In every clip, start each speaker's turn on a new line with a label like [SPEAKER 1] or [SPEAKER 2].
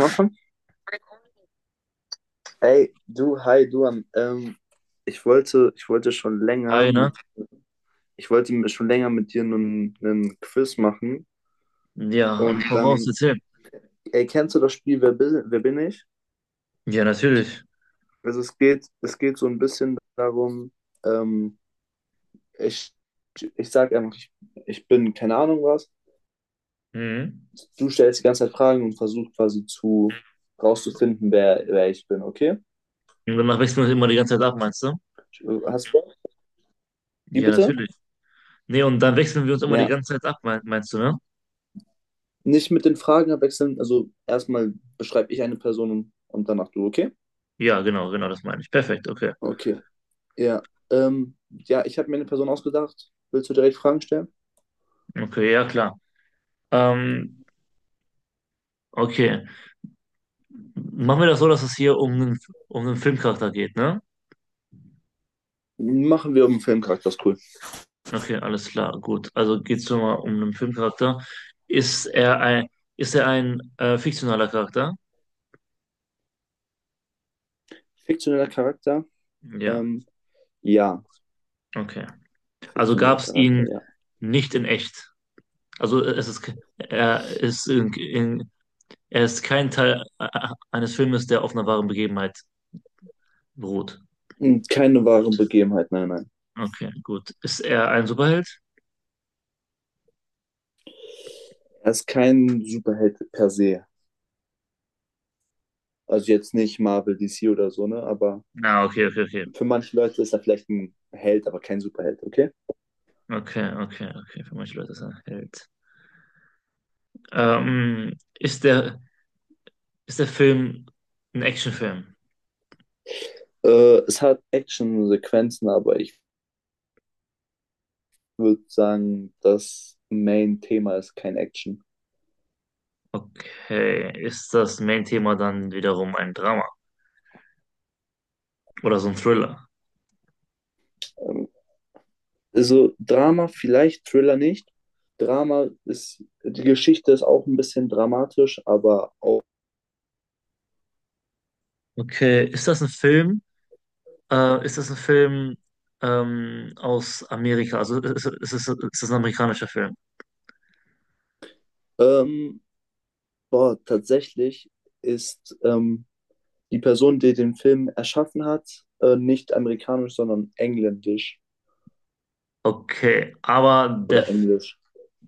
[SPEAKER 1] Anfangen? Ey, du, hi, du. Ähm, ich wollte schon länger
[SPEAKER 2] Hi, ne?
[SPEAKER 1] mit, ich wollte mir schon länger mit dir einen Quiz machen.
[SPEAKER 2] Ja,
[SPEAKER 1] Und
[SPEAKER 2] hau raus,
[SPEAKER 1] dann,
[SPEAKER 2] erzähl.
[SPEAKER 1] ey, kennst du das Spiel Wer bin ich?
[SPEAKER 2] Ja, natürlich.
[SPEAKER 1] Also es geht so ein bisschen darum, ähm, ich, ich sag einfach, ich bin keine Ahnung was.
[SPEAKER 2] Mhm.
[SPEAKER 1] Du stellst die ganze Zeit Fragen und versuchst quasi zu rauszufinden, wer ich bin, okay?
[SPEAKER 2] Und danach wechseln wir uns immer die ganze Zeit ab, meinst du?
[SPEAKER 1] Hast du Bock? Wie
[SPEAKER 2] Ja,
[SPEAKER 1] bitte?
[SPEAKER 2] natürlich. Nee, und dann wechseln wir uns immer die
[SPEAKER 1] Ja.
[SPEAKER 2] ganze Zeit ab, meinst du, ne?
[SPEAKER 1] Nicht mit den Fragen abwechseln. Also erstmal beschreibe ich eine Person und danach du, okay?
[SPEAKER 2] Ja, genau, genau, das meine ich. Perfekt, okay.
[SPEAKER 1] Okay. Ja. Ja, ich habe mir eine Person ausgedacht. Willst du direkt Fragen stellen?
[SPEAKER 2] Okay, ja, klar. Ähm, okay. Machen wir das so, dass es hier um einen Filmcharakter geht, ne?
[SPEAKER 1] Machen wir um einen Filmcharakter, ist cool.
[SPEAKER 2] Okay, alles klar, gut. Also geht es schon mal um einen Filmcharakter. Ist er ein, ist er ein fiktionaler Charakter?
[SPEAKER 1] Fiktioneller Charakter?
[SPEAKER 2] Ja,
[SPEAKER 1] Ähm, ja.
[SPEAKER 2] okay. Also
[SPEAKER 1] Fiktioneller
[SPEAKER 2] gab es
[SPEAKER 1] Charakter,
[SPEAKER 2] ihn
[SPEAKER 1] ja.
[SPEAKER 2] nicht in echt. Also es ist, ke- er ist er ist kein Teil eines Filmes, der auf einer wahren Begebenheit beruht.
[SPEAKER 1] Und keine wahre Begebenheit, nein, nein.
[SPEAKER 2] Okay, gut. Ist er ein Superheld?
[SPEAKER 1] Er ist kein Superheld per se. Also jetzt nicht Marvel, DC oder so, ne? Aber
[SPEAKER 2] Na, okay, okay, okay.
[SPEAKER 1] für manche Leute ist er vielleicht ein Held, aber kein Superheld, okay?
[SPEAKER 2] Okay, okay, okay. Für manche Leute ist er ein Held. Ähm, ist der, ist der Film ein Actionfilm?
[SPEAKER 1] Es hat Action-Sequenzen, aber ich würde sagen, das Main-Thema ist kein Action.
[SPEAKER 2] Okay. Ist das Main-Thema dann wiederum ein Drama oder so ein Thriller?
[SPEAKER 1] Ähm, Also Drama vielleicht, Thriller nicht. Drama ist, die Geschichte ist auch ein bisschen dramatisch, aber auch,
[SPEAKER 2] Okay. Ist das ein Film? Ist das ein Film aus Amerika? Also ist das ein amerikanischer Film?
[SPEAKER 1] ähm, boah, tatsächlich ist die Person, die den Film erschaffen hat, nicht amerikanisch, sondern engländisch
[SPEAKER 2] Okay, aber der,
[SPEAKER 1] oder
[SPEAKER 2] F-
[SPEAKER 1] englisch.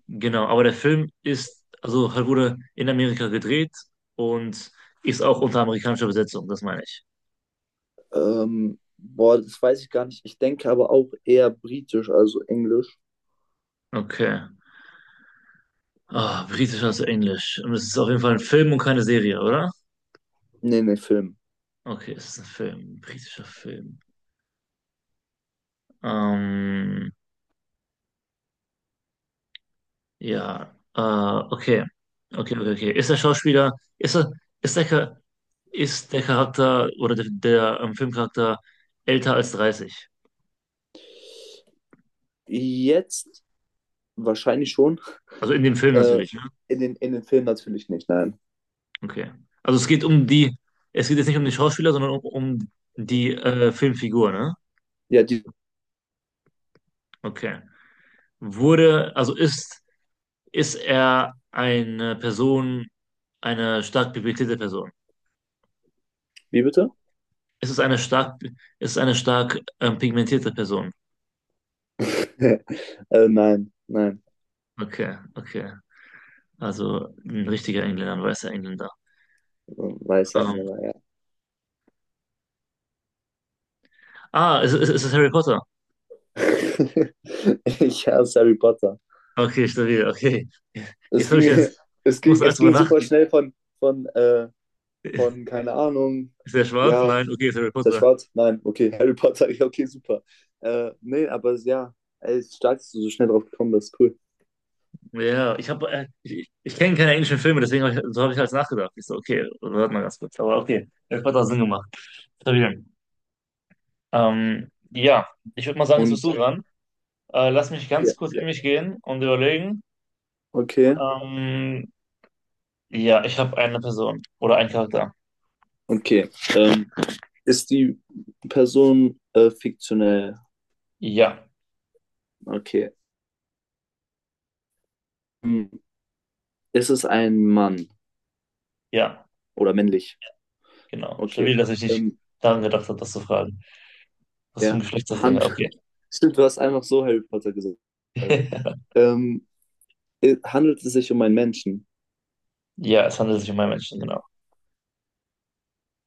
[SPEAKER 2] genau, aber der Film ist, also halt wurde in Amerika gedreht und ist auch unter amerikanischer Besetzung, das meine ich.
[SPEAKER 1] Boah, das weiß ich gar nicht. Ich denke aber auch eher britisch, also englisch.
[SPEAKER 2] Okay. Ah, britisch als Englisch. Und es ist auf jeden Fall ein Film und keine Serie, oder?
[SPEAKER 1] Nee, Film.
[SPEAKER 2] Okay, es ist ein Film, ein britischer Film. Ähm, ja, okay. Okay, okay, okay. Ist der Schauspieler, ist er, ist der, Cha- ist der Charakter oder der Filmcharakter älter als 30?
[SPEAKER 1] Jetzt wahrscheinlich schon.
[SPEAKER 2] Also in dem Film
[SPEAKER 1] Äh,
[SPEAKER 2] natürlich, ne?
[SPEAKER 1] in den Film natürlich nicht, nein.
[SPEAKER 2] Okay. Also es geht um die, es geht jetzt nicht um den Schauspieler, sondern um die Filmfigur, ne?
[SPEAKER 1] Ja, die,
[SPEAKER 2] Okay. Wurde, also ist, ist er eine Person, eine stark pigmentierte Person?
[SPEAKER 1] wie bitte?
[SPEAKER 2] Ist es eine stark, ist es eine stark pigmentierte Person?
[SPEAKER 1] äh, nein.
[SPEAKER 2] Okay, okay. Also ein richtiger Engländer, ein weißer Engländer.
[SPEAKER 1] Weiße
[SPEAKER 2] Ähm,
[SPEAKER 1] Engländer, ja.
[SPEAKER 2] ist es Harry Potter?
[SPEAKER 1] Ich hasse Harry Potter.
[SPEAKER 2] Okay, stabil, okay.
[SPEAKER 1] Es
[SPEAKER 2] Jetzt habe
[SPEAKER 1] ging,
[SPEAKER 2] ich jetzt,
[SPEAKER 1] es
[SPEAKER 2] muss
[SPEAKER 1] ging,
[SPEAKER 2] alles
[SPEAKER 1] es
[SPEAKER 2] drüber
[SPEAKER 1] ging super
[SPEAKER 2] nachdenken.
[SPEAKER 1] schnell von keine Ahnung,
[SPEAKER 2] Ist er schwarz?
[SPEAKER 1] ja,
[SPEAKER 2] Nein, okay, ist Harry
[SPEAKER 1] ist er
[SPEAKER 2] Potter.
[SPEAKER 1] schwarz? Nein, okay, Harry Potter, ja, okay, super. Nee, aber es- ja, ey, es ist stark, dass du so schnell drauf gekommen bist, cool.
[SPEAKER 2] Ja, ich kenne keine englischen Filme, so habe ich halt nachgedacht. Ich so, okay, warte mal ganz kurz. Aber okay, das hat auch Sinn gemacht. Stabil. Ja, ich würde mal sagen, jetzt bist
[SPEAKER 1] Und,
[SPEAKER 2] du dran. Lass mich
[SPEAKER 1] ja.
[SPEAKER 2] ganz kurz in mich gehen und überlegen.
[SPEAKER 1] Okay,
[SPEAKER 2] Ähm, ja, ich habe eine Person oder einen Charakter.
[SPEAKER 1] okay. Ähm, ist die Person fiktionell?
[SPEAKER 2] Ja,
[SPEAKER 1] Okay. Hm. Ist es ein Mann
[SPEAKER 2] ja,
[SPEAKER 1] oder männlich?
[SPEAKER 2] genau.
[SPEAKER 1] Okay.
[SPEAKER 2] Stabil, dass ich nicht
[SPEAKER 1] Ähm,
[SPEAKER 2] daran gedacht habe, das zu fragen. Was für ein
[SPEAKER 1] ja,
[SPEAKER 2] Geschlecht das Ding hat.
[SPEAKER 1] Hand.
[SPEAKER 2] Okay.
[SPEAKER 1] Stimmt, du hast einfach so Harry Potter gesagt. Ähm, handelt es sich um einen Menschen?
[SPEAKER 2] Ja, es handelt sich um einen Menschen, genau.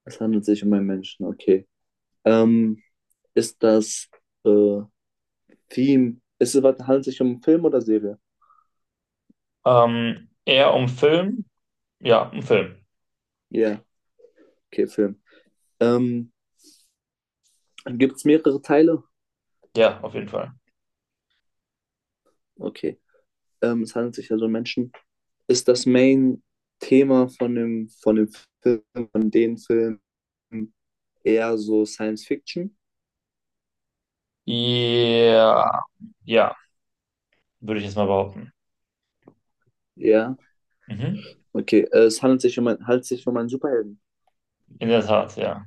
[SPEAKER 1] Es handelt sich um einen Menschen, okay. Ähm, ist das äh, Theme? Handelt es sich um Film oder Serie?
[SPEAKER 2] Eher um Film? Ja, um Film.
[SPEAKER 1] Ja, okay, Film. Ähm, gibt es mehrere Teile?
[SPEAKER 2] Ja, auf jeden Fall.
[SPEAKER 1] Okay. Es handelt sich also um Menschen. Ist das Main-Thema von dem Film, von den Filmen eher so Science Fiction?
[SPEAKER 2] Ja, ja, würde ich jetzt mal behaupten.
[SPEAKER 1] Ja.
[SPEAKER 2] Mhm.
[SPEAKER 1] Okay, es handelt sich um, handelt sich um einen Superhelden.
[SPEAKER 2] In der Tat, ja.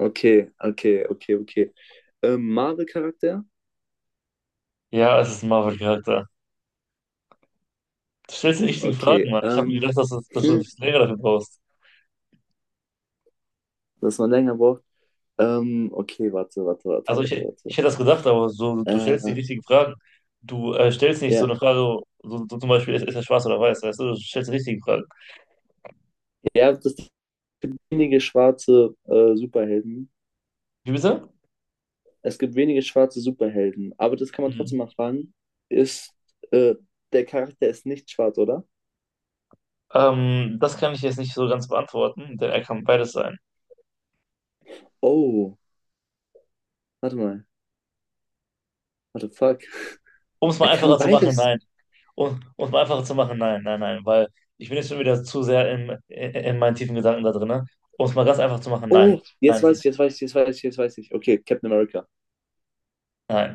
[SPEAKER 1] Okay, okay, okay, okay. Marvel-Charakter?
[SPEAKER 2] Ja, es ist ein Marvel-Charakter. Du stellst die richtigen
[SPEAKER 1] Okay,
[SPEAKER 2] Fragen, Mann. Ich habe gedacht, dass du ein
[SPEAKER 1] hm,
[SPEAKER 2] bisschen länger dafür brauchst.
[SPEAKER 1] dass man länger braucht. Okay, warte, warte, warte, warte,
[SPEAKER 2] Ich
[SPEAKER 1] warte.
[SPEAKER 2] hätte das gedacht, aber so, du stellst die
[SPEAKER 1] Äh,
[SPEAKER 2] richtigen Fragen. Du stellst nicht so
[SPEAKER 1] ja,
[SPEAKER 2] eine Frage, so zum Beispiel, ist er schwarz oder weiß, weißt du? Du stellst die richtigen Fragen.
[SPEAKER 1] ja, das sind wenige schwarze Superhelden.
[SPEAKER 2] Wie bitte?
[SPEAKER 1] Es gibt wenige schwarze Superhelden, aber das kann man
[SPEAKER 2] Hm.
[SPEAKER 1] trotzdem mal fragen. Ist, äh, Der Charakter ist nicht schwarz, oder?
[SPEAKER 2] Das kann ich jetzt nicht so ganz beantworten, denn er kann beides sein.
[SPEAKER 1] Oh, warte mal. What the fuck?
[SPEAKER 2] Um es
[SPEAKER 1] Er
[SPEAKER 2] mal
[SPEAKER 1] kann
[SPEAKER 2] einfacher zu machen,
[SPEAKER 1] beides.
[SPEAKER 2] nein. Um es mal einfacher zu machen, nein, nein, nein, weil ich bin jetzt schon wieder zu sehr in meinen tiefen Gedanken da drin, ne? Um es mal ganz einfach zu machen, nein,
[SPEAKER 1] Oh,
[SPEAKER 2] nein,
[SPEAKER 1] jetzt
[SPEAKER 2] ist er
[SPEAKER 1] weiß ich,
[SPEAKER 2] nicht.
[SPEAKER 1] jetzt weiß ich, jetzt weiß ich, jetzt weiß ich. Okay, Captain America.
[SPEAKER 2] Nein,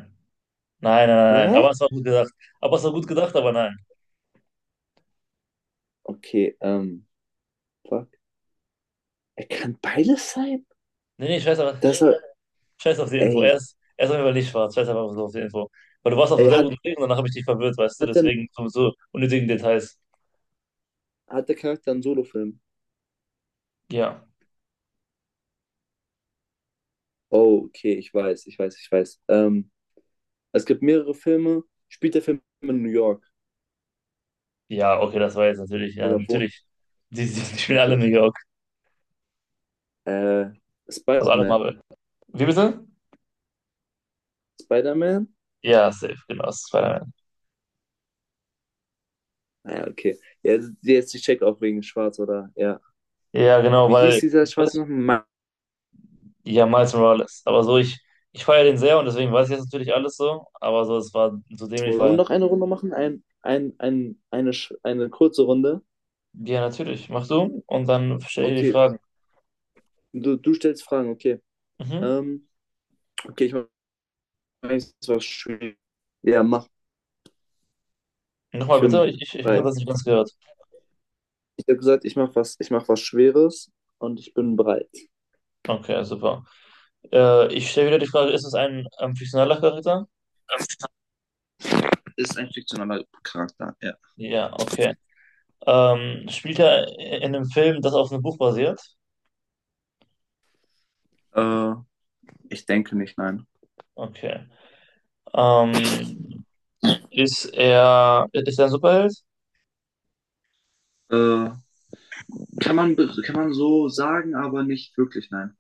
[SPEAKER 2] nein, nein, nein, nein, aber
[SPEAKER 1] Hä?
[SPEAKER 2] es war gut gedacht. Aber es war gut gedacht, aber nein.
[SPEAKER 1] Okay, fuck. Er kann beides sein?
[SPEAKER 2] Nee, nee,
[SPEAKER 1] Das war,
[SPEAKER 2] scheiß auf die Info.
[SPEAKER 1] ey,
[SPEAKER 2] Erst, erst auf jeden Fall nicht schwarz, scheiß einfach so auf die Info. Weil du warst auf einem
[SPEAKER 1] ey,
[SPEAKER 2] sehr
[SPEAKER 1] hat,
[SPEAKER 2] guten Weg und danach habe ich dich verwirrt, weißt du,
[SPEAKER 1] hat denn,
[SPEAKER 2] deswegen so unnötigen Details.
[SPEAKER 1] hat der Charakter einen Solo-Film?
[SPEAKER 2] Ja,
[SPEAKER 1] Oh, okay, ich weiß. Es gibt mehrere Filme. Spielt der Film in New York?
[SPEAKER 2] ja, okay, das war jetzt natürlich, ja,
[SPEAKER 1] Oder wohnt?
[SPEAKER 2] natürlich. Die spielen alle in
[SPEAKER 1] Okay.
[SPEAKER 2] New York,
[SPEAKER 1] Äh,
[SPEAKER 2] also alle
[SPEAKER 1] Spider-Man.
[SPEAKER 2] Marvel. Wie bitte?
[SPEAKER 1] Spider-Man?
[SPEAKER 2] Ja, safe, genau, Spider-Man.
[SPEAKER 1] Ah, ja, okay. Ja, jetzt ich check auch wegen Schwarz, oder? Ja.
[SPEAKER 2] Ja, genau,
[SPEAKER 1] Wie hieß
[SPEAKER 2] weil,
[SPEAKER 1] dieser schwarze
[SPEAKER 2] was
[SPEAKER 1] noch? Miles
[SPEAKER 2] Ja, Miles Morales. Ich feiere den sehr und deswegen weiß ich jetzt natürlich alles so. Aber so, es war so dämlich,
[SPEAKER 1] Morales. Wollen wir
[SPEAKER 2] weil,
[SPEAKER 1] noch eine Runde machen? Eine kurze Runde?
[SPEAKER 2] ja, natürlich, mach du und dann stelle ich dir die
[SPEAKER 1] Okay.
[SPEAKER 2] Fragen.
[SPEAKER 1] Du stellst Fragen, okay.
[SPEAKER 2] Mhm.
[SPEAKER 1] Ähm, okay, ich mache was Schweres. Ja, mach.
[SPEAKER 2] Nochmal
[SPEAKER 1] Ich
[SPEAKER 2] bitte,
[SPEAKER 1] bin
[SPEAKER 2] ich habe
[SPEAKER 1] bereit.
[SPEAKER 2] das nicht ganz gehört.
[SPEAKER 1] Ich habe gesagt, ich mach was Schweres und ich bin bereit.
[SPEAKER 2] Okay, super. Ich stelle wieder die Frage, ist es ein fiktionaler Charakter?
[SPEAKER 1] Ist ein fiktionaler Charakter,
[SPEAKER 2] Ja, okay. Spielt er in einem Film, das auf einem Buch basiert?
[SPEAKER 1] ja. Ich denke nicht, nein.
[SPEAKER 2] Okay. Ähm, ist er ein Superheld?
[SPEAKER 1] Äh, kann man so sagen, aber nicht wirklich, nein.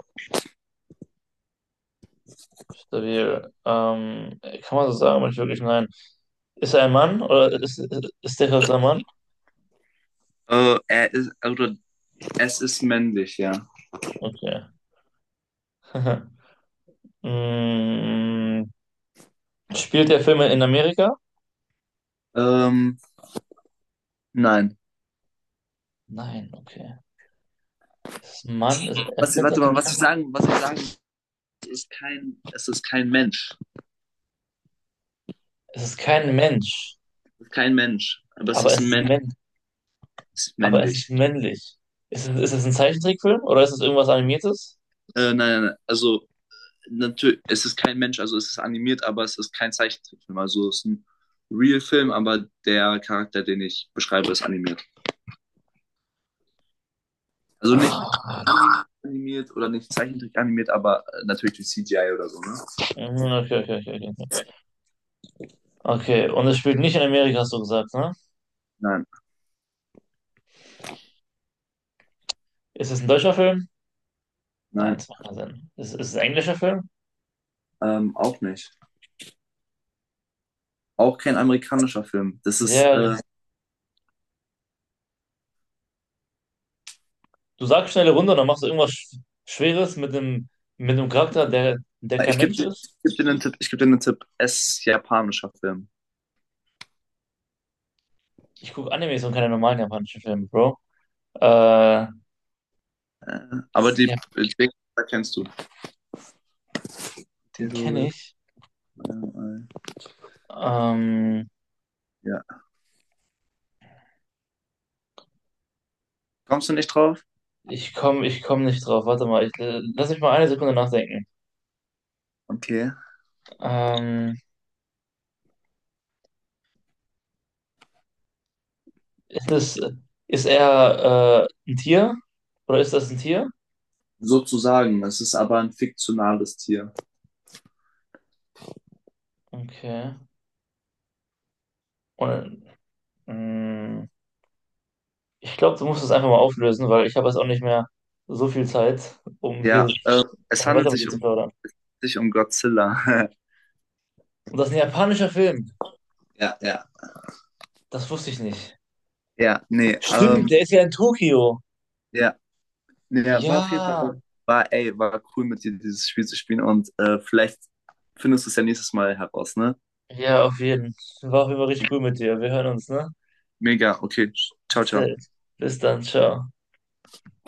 [SPEAKER 2] Stabil. Kann man so sagen, aber nicht wirklich, nein. Ist er ein Mann oder ist, ist der Charakter ein Mann?
[SPEAKER 1] Er ist, oder es ist männlich, ja.
[SPEAKER 2] Okay. Mm, spielt der Film in Amerika?
[SPEAKER 1] Ähm, nein.
[SPEAKER 2] Nein, okay. Es ist ein Mann, es, er
[SPEAKER 1] Was,
[SPEAKER 2] kennt
[SPEAKER 1] warte mal,
[SPEAKER 2] natürlich,
[SPEAKER 1] es ist kein Mensch.
[SPEAKER 2] es ist kein Mensch,
[SPEAKER 1] Kein Mensch. Aber es
[SPEAKER 2] aber
[SPEAKER 1] ist
[SPEAKER 2] es
[SPEAKER 1] ein
[SPEAKER 2] ist
[SPEAKER 1] Mensch,
[SPEAKER 2] männ,
[SPEAKER 1] ist
[SPEAKER 2] aber es ist
[SPEAKER 1] männlich.
[SPEAKER 2] männlich. Ist es ein Zeichentrickfilm oder ist es irgendwas Animiertes?
[SPEAKER 1] Nein, also natürlich, es ist kein Mensch, also es ist animiert, aber es ist kein Zeichentrickfilm. Also es ist ein Real-Film, aber der Charakter, den ich beschreibe, ist animiert. Also nicht
[SPEAKER 2] Ah,
[SPEAKER 1] animiert oder nicht Zeichentrick animiert, aber natürlich durch CGI oder so, ne?
[SPEAKER 2] mhm, okay, okay, okay, okay. Okay, okay, und es spielt nicht in Amerika, hast du gesagt, ne?
[SPEAKER 1] Nein,
[SPEAKER 2] Ist es ein deutscher Film? Nein,
[SPEAKER 1] nein,
[SPEAKER 2] das macht keinen Sinn. Ist es ein englischer Film?
[SPEAKER 1] ähm, auch nicht. Auch kein amerikanischer Film. Das ist,
[SPEAKER 2] Ja, ja, du sagst schnelle Runde, dann machst du irgendwas Schweres mit einem Charakter, der kein
[SPEAKER 1] ich gebe
[SPEAKER 2] Mensch
[SPEAKER 1] dir,
[SPEAKER 2] ist.
[SPEAKER 1] ich geb dir einen Tipp, ich gebe dir einen Tipp. Es ist japanischer Film.
[SPEAKER 2] Ich gucke Animes und keine normalen japanischen Filme, Bro. Äh,
[SPEAKER 1] Äh, aber
[SPEAKER 2] das,
[SPEAKER 1] die,
[SPEAKER 2] ja,
[SPEAKER 1] die Wegweiser kennst du.
[SPEAKER 2] den kenne
[SPEAKER 1] Titel,
[SPEAKER 2] ich.
[SPEAKER 1] äh,
[SPEAKER 2] Ähm,
[SPEAKER 1] ja. Kommst du nicht drauf?
[SPEAKER 2] ich komme ich komm nicht drauf. Warte mal, ich, lass mich mal 1 Sekunde nachdenken.
[SPEAKER 1] Okay.
[SPEAKER 2] Ähm, ist es, ist er ein Tier? Oder ist das ein Tier?
[SPEAKER 1] Sozusagen. Es ist aber ein fiktionales Tier.
[SPEAKER 2] Okay. Und, mm, ich glaube, du musst es einfach mal auflösen, weil ich habe jetzt auch nicht mehr so viel Zeit,
[SPEAKER 1] Ja,
[SPEAKER 2] um weiter mit dir zu plaudern.
[SPEAKER 1] es handelt sich um Godzilla.
[SPEAKER 2] Und das ist ein japanischer Film.
[SPEAKER 1] Ja, ja.
[SPEAKER 2] Das wusste ich nicht.
[SPEAKER 1] Ja, nee,
[SPEAKER 2] Stimmt, der ist ja in Tokio.
[SPEAKER 1] ja, nee, ja, war auf jeden
[SPEAKER 2] Ja,
[SPEAKER 1] Fall, war, ey, war cool mit dir dieses Spiel zu spielen und vielleicht findest du es ja nächstes Mal heraus, ne?
[SPEAKER 2] ja, auf jeden Fall. War auf jeden Fall richtig cool mit dir. Wir hören uns, ne?
[SPEAKER 1] Mega, okay. Ciao, ciao.
[SPEAKER 2] Bis dann, ciao.